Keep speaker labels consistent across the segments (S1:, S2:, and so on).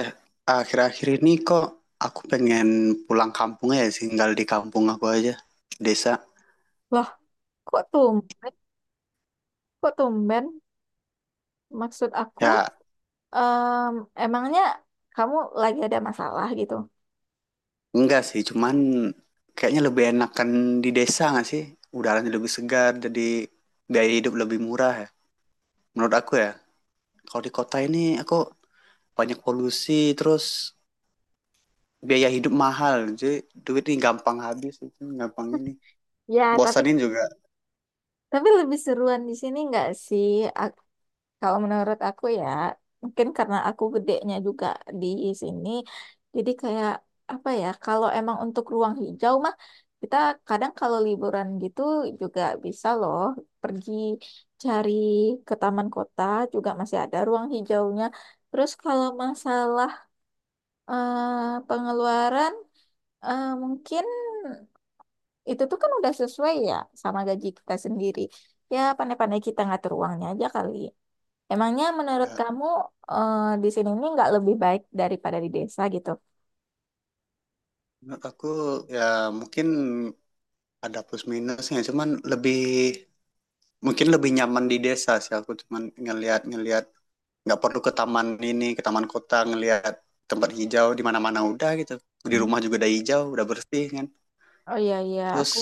S1: Eh, akhir-akhir ini kok aku pengen pulang kampung ya sih, tinggal di kampung aku aja, desa.
S2: Loh, kok tumben? Kok tumben? Maksud aku,
S1: Ya
S2: em, emangnya kamu lagi ada masalah gitu?
S1: enggak sih, cuman kayaknya lebih enakan di desa nggak sih, udaranya lebih segar, jadi biaya hidup lebih murah, ya menurut aku ya. Kalau di kota ini aku banyak polusi, terus biaya hidup mahal, jadi duit ini gampang habis, itu gampang ini,
S2: Ya, tapi
S1: bosanin juga.
S2: tapi lebih seruan di sini nggak sih? Kalau menurut aku ya, mungkin karena aku gedenya juga di sini, jadi kayak apa ya, kalau emang untuk ruang hijau mah, kita kadang kalau liburan gitu juga bisa loh pergi cari ke taman kota juga masih ada ruang hijaunya. Terus kalau masalah pengeluaran, mungkin itu tuh kan udah sesuai ya sama gaji kita sendiri. Ya pandai-pandai kita ngatur uangnya aja kali. Emangnya menurut
S1: Ya,
S2: kamu eh, di sini ini nggak lebih baik daripada di desa gitu?
S1: menurut aku ya mungkin ada plus minusnya, cuman lebih, mungkin lebih nyaman di desa sih aku, cuman ngelihat-ngelihat nggak perlu ke taman ini, ke taman kota, ngelihat tempat hijau di mana-mana udah gitu. Di
S2: Hmm.
S1: rumah juga udah hijau, udah bersih kan.
S2: Oh iya, iya,
S1: Terus
S2: aku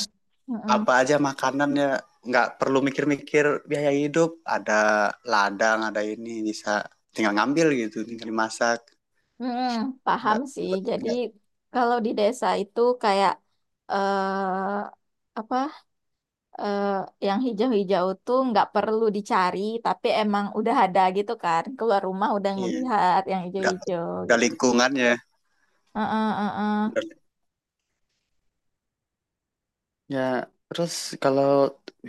S2: mm-mm.
S1: apa aja makanannya nggak perlu mikir-mikir biaya hidup. Ada ladang, ada ini, bisa tinggal ngambil gitu, tinggal dimasak.
S2: Mm-mm, paham
S1: Nggak
S2: sih. Jadi
S1: nggak,
S2: kalau di desa itu kayak eh apa eh yang hijau-hijau tuh nggak perlu dicari, tapi emang udah ada gitu kan. Keluar rumah udah
S1: iya.
S2: ngelihat yang
S1: Udah
S2: hijau-hijau
S1: udah
S2: gitu.
S1: lingkungannya,
S2: Heeh, heeh.
S1: udah. Ya, terus kalau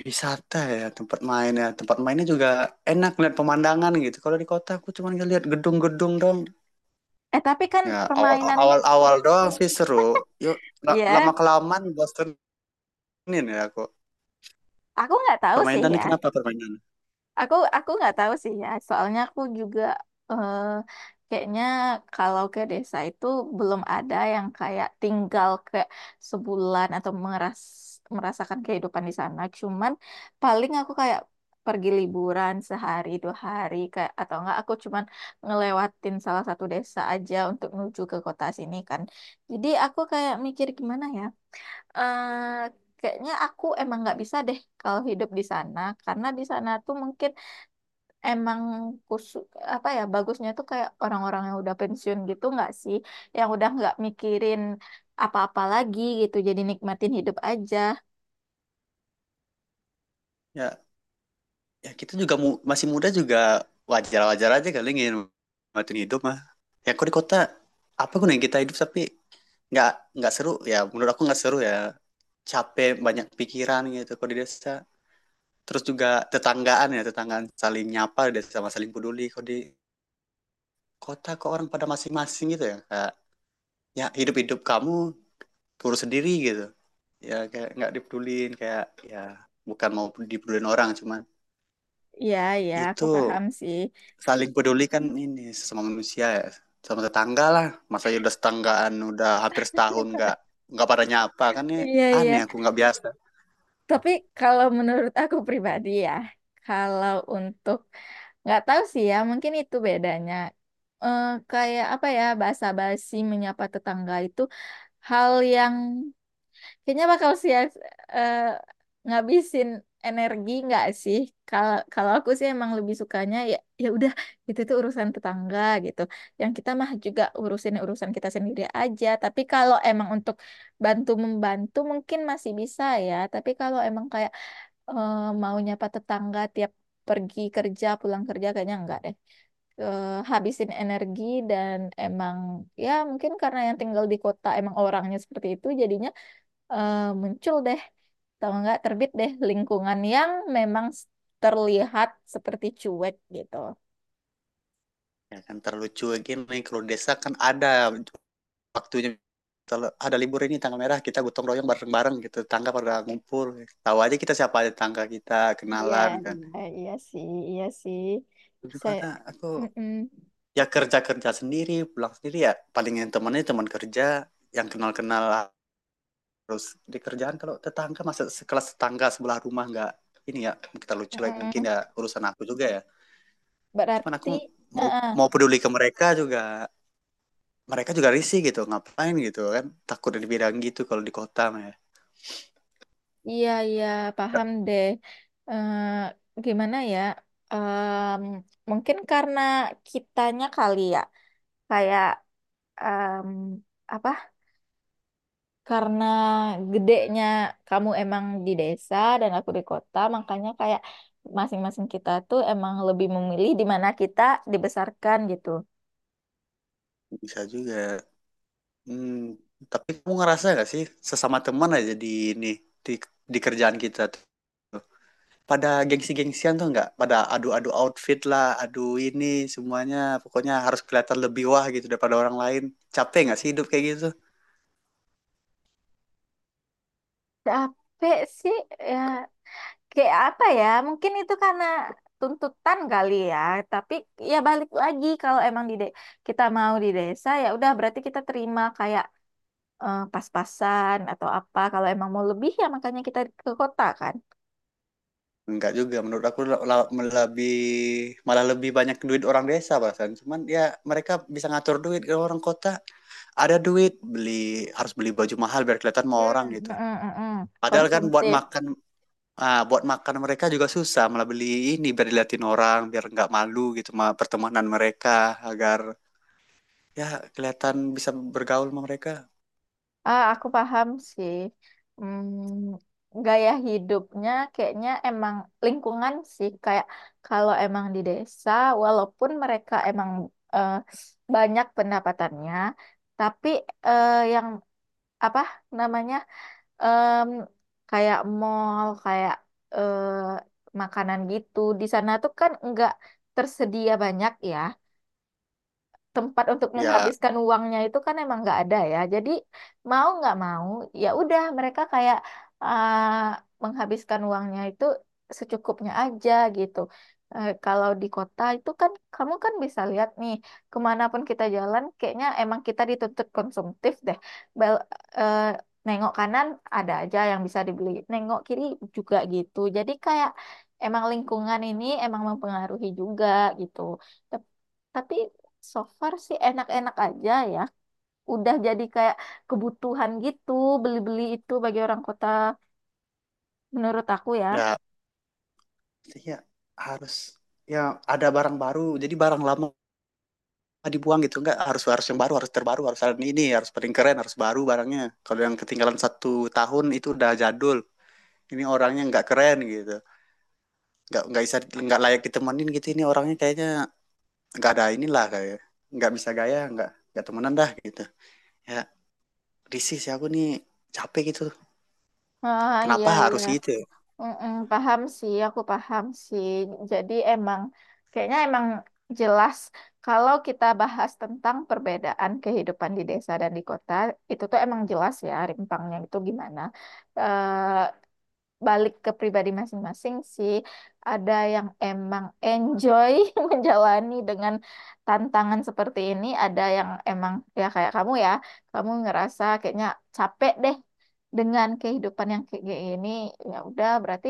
S1: wisata ya tempat main ya tempat mainnya juga enak lihat pemandangan gitu. Kalau di kota aku cuma ngeliat gedung-gedung dong.
S2: Eh tapi kan
S1: Ya awal
S2: permainannya,
S1: awal awal doang sih seru. Yuk,
S2: ya
S1: lama kelamaan bosenin ya aku.
S2: aku nggak tahu sih
S1: Permainannya,
S2: ya.
S1: kenapa permainan?
S2: Aku nggak tahu sih ya, soalnya aku juga eh, kayaknya kalau ke desa itu belum ada yang kayak tinggal ke sebulan atau merasakan kehidupan di sana. Cuman paling aku kayak pergi liburan sehari dua hari kayak atau enggak aku cuman ngelewatin salah satu desa aja untuk menuju ke kota sini kan. Jadi aku kayak mikir gimana ya. eh Kayaknya aku emang nggak bisa deh kalau hidup di sana karena di sana tuh mungkin emang khusus apa ya bagusnya tuh kayak orang-orang yang udah pensiun gitu nggak sih yang udah nggak mikirin apa-apa lagi gitu jadi nikmatin hidup aja.
S1: Ya ya kita juga masih muda juga, wajar wajar aja kali ingin matiin hidup mah. Ya aku di kota apa gunanya kita hidup tapi nggak nggak seru ya, menurut aku nggak seru ya, capek banyak pikiran gitu. Kalau di desa, terus juga tetanggaan ya, tetanggaan saling nyapa dan sama saling peduli. Kalau di kota kok orang pada masing-masing gitu ya, kayak ya hidup-hidup kamu, kurus sendiri gitu. Ya kayak nggak dipedulin, kayak ya bukan mau dipedulin orang, cuman
S2: Iya, iya, aku
S1: itu
S2: paham sih.
S1: saling peduli kan, ini sesama manusia ya, sama tetangga lah. Masa ya udah setanggaan, udah hampir setahun nggak pada nyapa kan ya,
S2: Iya, iya.
S1: aneh aku nggak biasa.
S2: Tapi kalau menurut aku pribadi ya, kalau untuk nggak tahu sih ya, mungkin itu bedanya. Eh, kayak apa ya basa basi menyapa tetangga itu hal yang kayaknya bakal eh, ngabisin energi nggak sih? Kalau kalau aku sih emang lebih sukanya ya ya udah itu tuh urusan tetangga gitu. Yang kita mah juga urusin urusan kita sendiri aja. Tapi kalau emang untuk bantu membantu mungkin masih bisa ya. Tapi kalau emang kayak eh, mau nyapa tetangga tiap pergi kerja pulang kerja kayaknya enggak deh. Eh, habisin energi dan emang ya mungkin karena yang tinggal di kota emang orangnya seperti itu jadinya muncul deh atau enggak terbit deh lingkungan yang memang terlihat seperti cuek gitu.
S1: Ya kan terlucu gini, kalau desa kan ada waktunya, ada libur ini tanggal merah, kita gotong royong bareng-bareng gitu, tangga pada ngumpul, tahu aja kita siapa aja tangga kita,
S2: Iya,
S1: kenalan kan.
S2: iya, iya sih, iya sih.
S1: Terus
S2: Saya,
S1: kata aku
S2: mm-mm.
S1: ya, kerja kerja sendiri pulang sendiri, ya paling yang temannya teman kerja yang kenal-kenal, terus di kerjaan. Kalau tetangga masa sekelas tetangga sebelah rumah nggak ini ya, kita lucu, like mungkin
S2: Mm-mm.
S1: ya urusan aku juga ya, cuman
S2: Berarti,
S1: aku mau
S2: eh,
S1: mau peduli ke mereka juga, mereka juga risih gitu, ngapain gitu kan, takut dibidang gitu kalau di kota mah ya.
S2: iya, iya, paham deh. Eh, gimana ya? Em, Mungkin karena kitanya kali ya, kayak em, apa karena gedenya kamu emang di desa dan aku di kota, makanya kayak masing-masing kita tuh emang lebih memilih di mana kita dibesarkan gitu.
S1: Bisa juga. Hmm, tapi kamu ngerasa gak sih, sesama teman aja di ini di, di kerjaan kita tuh pada gengsi-gengsian, tuh nggak pada adu-adu outfit lah, adu ini semuanya, pokoknya harus kelihatan lebih wah gitu daripada orang lain, capek nggak sih hidup kayak gitu?
S2: Capek sih ya kayak apa ya? Mungkin itu karena tuntutan kali ya, tapi ya balik lagi kalau emang kita mau di desa ya udah berarti kita terima kayak pas-pasan atau apa. Kalau emang mau lebih ya makanya kita ke kota kan.
S1: Enggak juga menurut aku, lebih, malah lebih banyak duit orang desa bahkan, cuman ya mereka bisa ngatur duit. Kalau orang kota ada duit beli, harus beli baju mahal biar kelihatan
S2: Hmm,
S1: mau orang
S2: mm, mm,
S1: gitu,
S2: mm, mm.
S1: padahal kan buat
S2: Konsumtif.
S1: makan. Ah, buat makan mereka juga susah, malah beli ini biar diliatin orang, biar nggak malu gitu sama pertemanan mereka, agar ya kelihatan bisa bergaul sama mereka.
S2: Ah, aku paham sih. Hmm, gaya hidupnya kayaknya emang lingkungan sih. Kayak kalau emang di desa, walaupun mereka emang eh, banyak pendapatannya, tapi yang apa namanya em, kayak mall, kayak eh, makanan gitu di sana tuh kan nggak tersedia banyak ya tempat untuk
S1: Ya,
S2: menghabiskan uangnya itu kan emang nggak ada ya. Jadi mau nggak mau ya udah mereka kayak ah, menghabiskan uangnya itu secukupnya aja gitu. Eh, kalau di kota itu kan kamu kan bisa lihat nih kemanapun kita jalan kayaknya emang kita dituntut konsumtif deh. Bel- eh, Nengok kanan ada aja yang bisa dibeli, nengok kiri juga gitu. Jadi kayak emang lingkungan ini emang mempengaruhi juga gitu. Tapi so far sih enak-enak aja ya. Udah jadi kayak kebutuhan gitu, beli-beli itu bagi orang kota menurut aku ya.
S1: ya, ya harus ya, ada barang baru, jadi barang lama dibuang gitu, nggak harus harus yang baru, harus terbaru, harus ada ini, harus paling keren, harus baru barangnya. Kalau yang ketinggalan satu tahun itu udah jadul, ini orangnya nggak keren gitu, nggak bisa, nggak layak ditemenin gitu, ini orangnya kayaknya nggak ada inilah, kayak nggak bisa gaya, nggak temenan dah gitu, ya risih sih aku nih, capek gitu.
S2: Ah, iya,
S1: Kenapa
S2: iya.
S1: harus gitu ya?
S2: Mm-mm, paham sih, aku paham sih. Jadi emang, kayaknya emang jelas kalau kita bahas tentang perbedaan kehidupan di desa dan di kota, itu tuh emang jelas ya rimpangnya itu gimana. Eh, balik ke pribadi masing-masing sih. Ada yang emang enjoy menjalani dengan tantangan seperti ini, ada yang emang ya kayak kamu ya, kamu ngerasa kayaknya capek deh dengan kehidupan yang kayak gini. Ya udah, berarti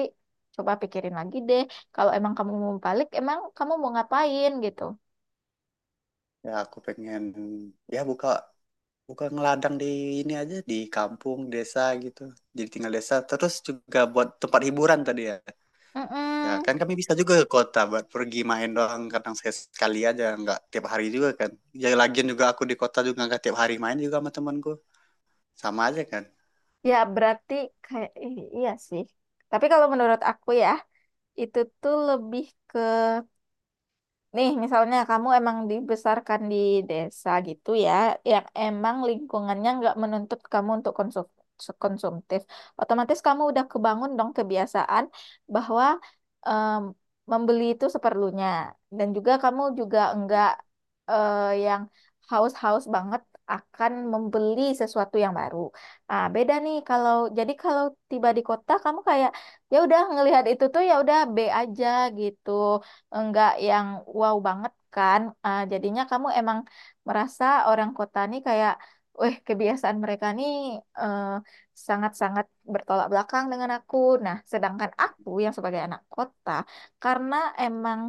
S2: coba pikirin lagi deh. Kalau emang kamu mau balik, emang kamu mau ngapain gitu?
S1: Ya aku pengen ya buka buka ngeladang di ini aja, di kampung desa gitu, jadi tinggal desa terus juga buat tempat hiburan tadi ya. Ya
S2: Mm-mm.
S1: kan kami bisa juga ke kota buat pergi main doang kadang sekali aja, nggak tiap hari juga kan. Ya lagian juga aku di kota juga nggak tiap hari main juga sama temanku, sama aja kan.
S2: Ya berarti kayak iya sih. Tapi kalau menurut aku ya, itu tuh lebih nih, misalnya kamu emang dibesarkan di desa gitu ya, yang emang lingkungannya nggak menuntut kamu untuk konsumtif, otomatis kamu udah kebangun dong kebiasaan bahwa em, membeli itu seperlunya, dan juga kamu juga enggak eh, yang haus-haus banget akan membeli sesuatu yang baru. Nah, beda nih kalau tiba di kota kamu kayak ya udah ngelihat itu tuh ya udah B aja gitu enggak yang wow banget kan. Ah, jadinya kamu emang merasa orang kota nih kayak, weh kebiasaan mereka nih eh, sangat-sangat bertolak belakang dengan aku. Nah, sedangkan aku yang sebagai anak kota, karena emang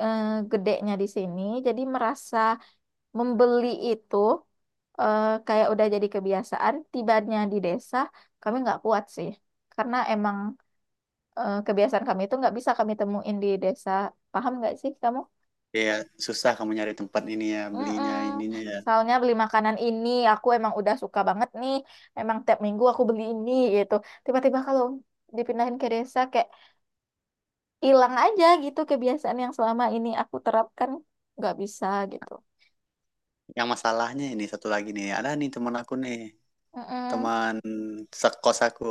S2: eh, gedenya di sini, jadi merasa membeli itu kayak udah jadi kebiasaan. Tibanya di desa, kami nggak kuat sih, karena emang kebiasaan kami itu nggak bisa kami temuin di desa. Paham nggak sih kamu?
S1: Ya susah kamu nyari tempat ini ya, belinya
S2: Mm.
S1: ininya ya.
S2: Soalnya beli makanan ini aku emang udah suka banget nih. Emang tiap minggu aku beli ini gitu. Tiba-tiba kalau dipindahin ke desa kayak hilang aja gitu kebiasaan yang selama ini aku terapkan nggak bisa gitu.
S1: Yang masalahnya ini satu lagi nih, ada nih teman aku nih,
S2: Mm-mm.
S1: teman sekos aku.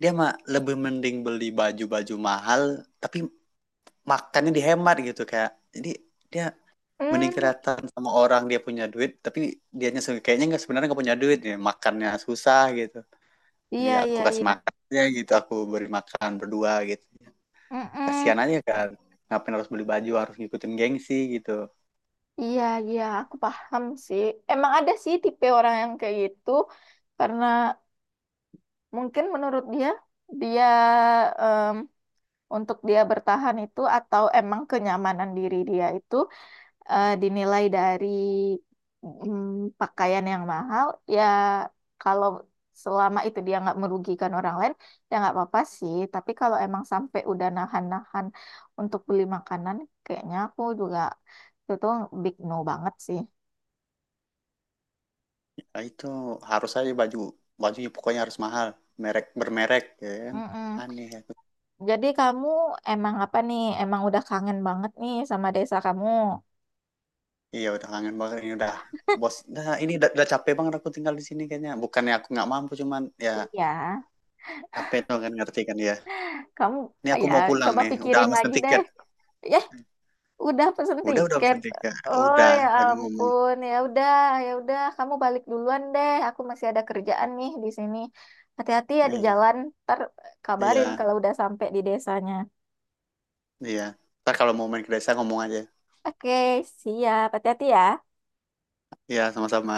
S1: Dia mah lebih mending beli baju-baju mahal, tapi makannya dihemat gitu kayak. Jadi dia mending
S2: Mm.
S1: kelihatan sama orang dia punya duit, tapi dianya kayaknya nggak, sebenarnya nggak punya duit ya, makannya susah gitu. Jadi
S2: Iya,
S1: aku
S2: iya,
S1: kasih
S2: iya.
S1: makannya gitu, aku beri makan berdua gitu.
S2: Mm-mm.
S1: Kasihan aja kan, ngapain harus beli baju, harus ngikutin gengsi gitu.
S2: Iya, iya, aku paham sih. Emang ada sih tipe orang yang kayak gitu karena mungkin menurut dia dia untuk dia bertahan itu atau emang kenyamanan diri dia itu dinilai dari pakaian yang mahal ya kalau selama itu dia nggak merugikan orang lain ya nggak apa-apa sih tapi kalau emang sampai udah nahan-nahan untuk beli makanan kayaknya aku juga itu tuh big no banget sih.
S1: Ah, itu harus aja bajunya pokoknya harus mahal, merek bermerek ya kan,
S2: Mm-mm.
S1: aneh aku.
S2: Jadi kamu emang apa nih emang udah kangen banget nih sama desa kamu?
S1: Iya udah kangen banget ini udah, bos, nah ini udah capek banget aku tinggal di sini. Kayaknya bukannya aku nggak mampu, cuman ya
S2: Iya,
S1: capek tuh kan, ngerti kan ya.
S2: kamu
S1: Ini aku
S2: ya
S1: mau pulang
S2: coba
S1: nih, udah
S2: pikirin
S1: mesen
S2: lagi deh.
S1: tiket.
S2: Ya, udah pesen
S1: Udah
S2: tiket.
S1: mesen tiket.
S2: Oh
S1: Udah,
S2: ya
S1: aku ngomong.
S2: ampun, ya udah, kamu balik duluan deh. Aku masih ada kerjaan nih di sini. Hati-hati ya di
S1: Iya
S2: jalan. Ntar kabarin
S1: iya
S2: kalau udah sampai di desanya.
S1: iya, ntar kalau mau main ke desa ngomong aja.
S2: Oke, siap. Hati-hati ya.
S1: Iya, sama-sama.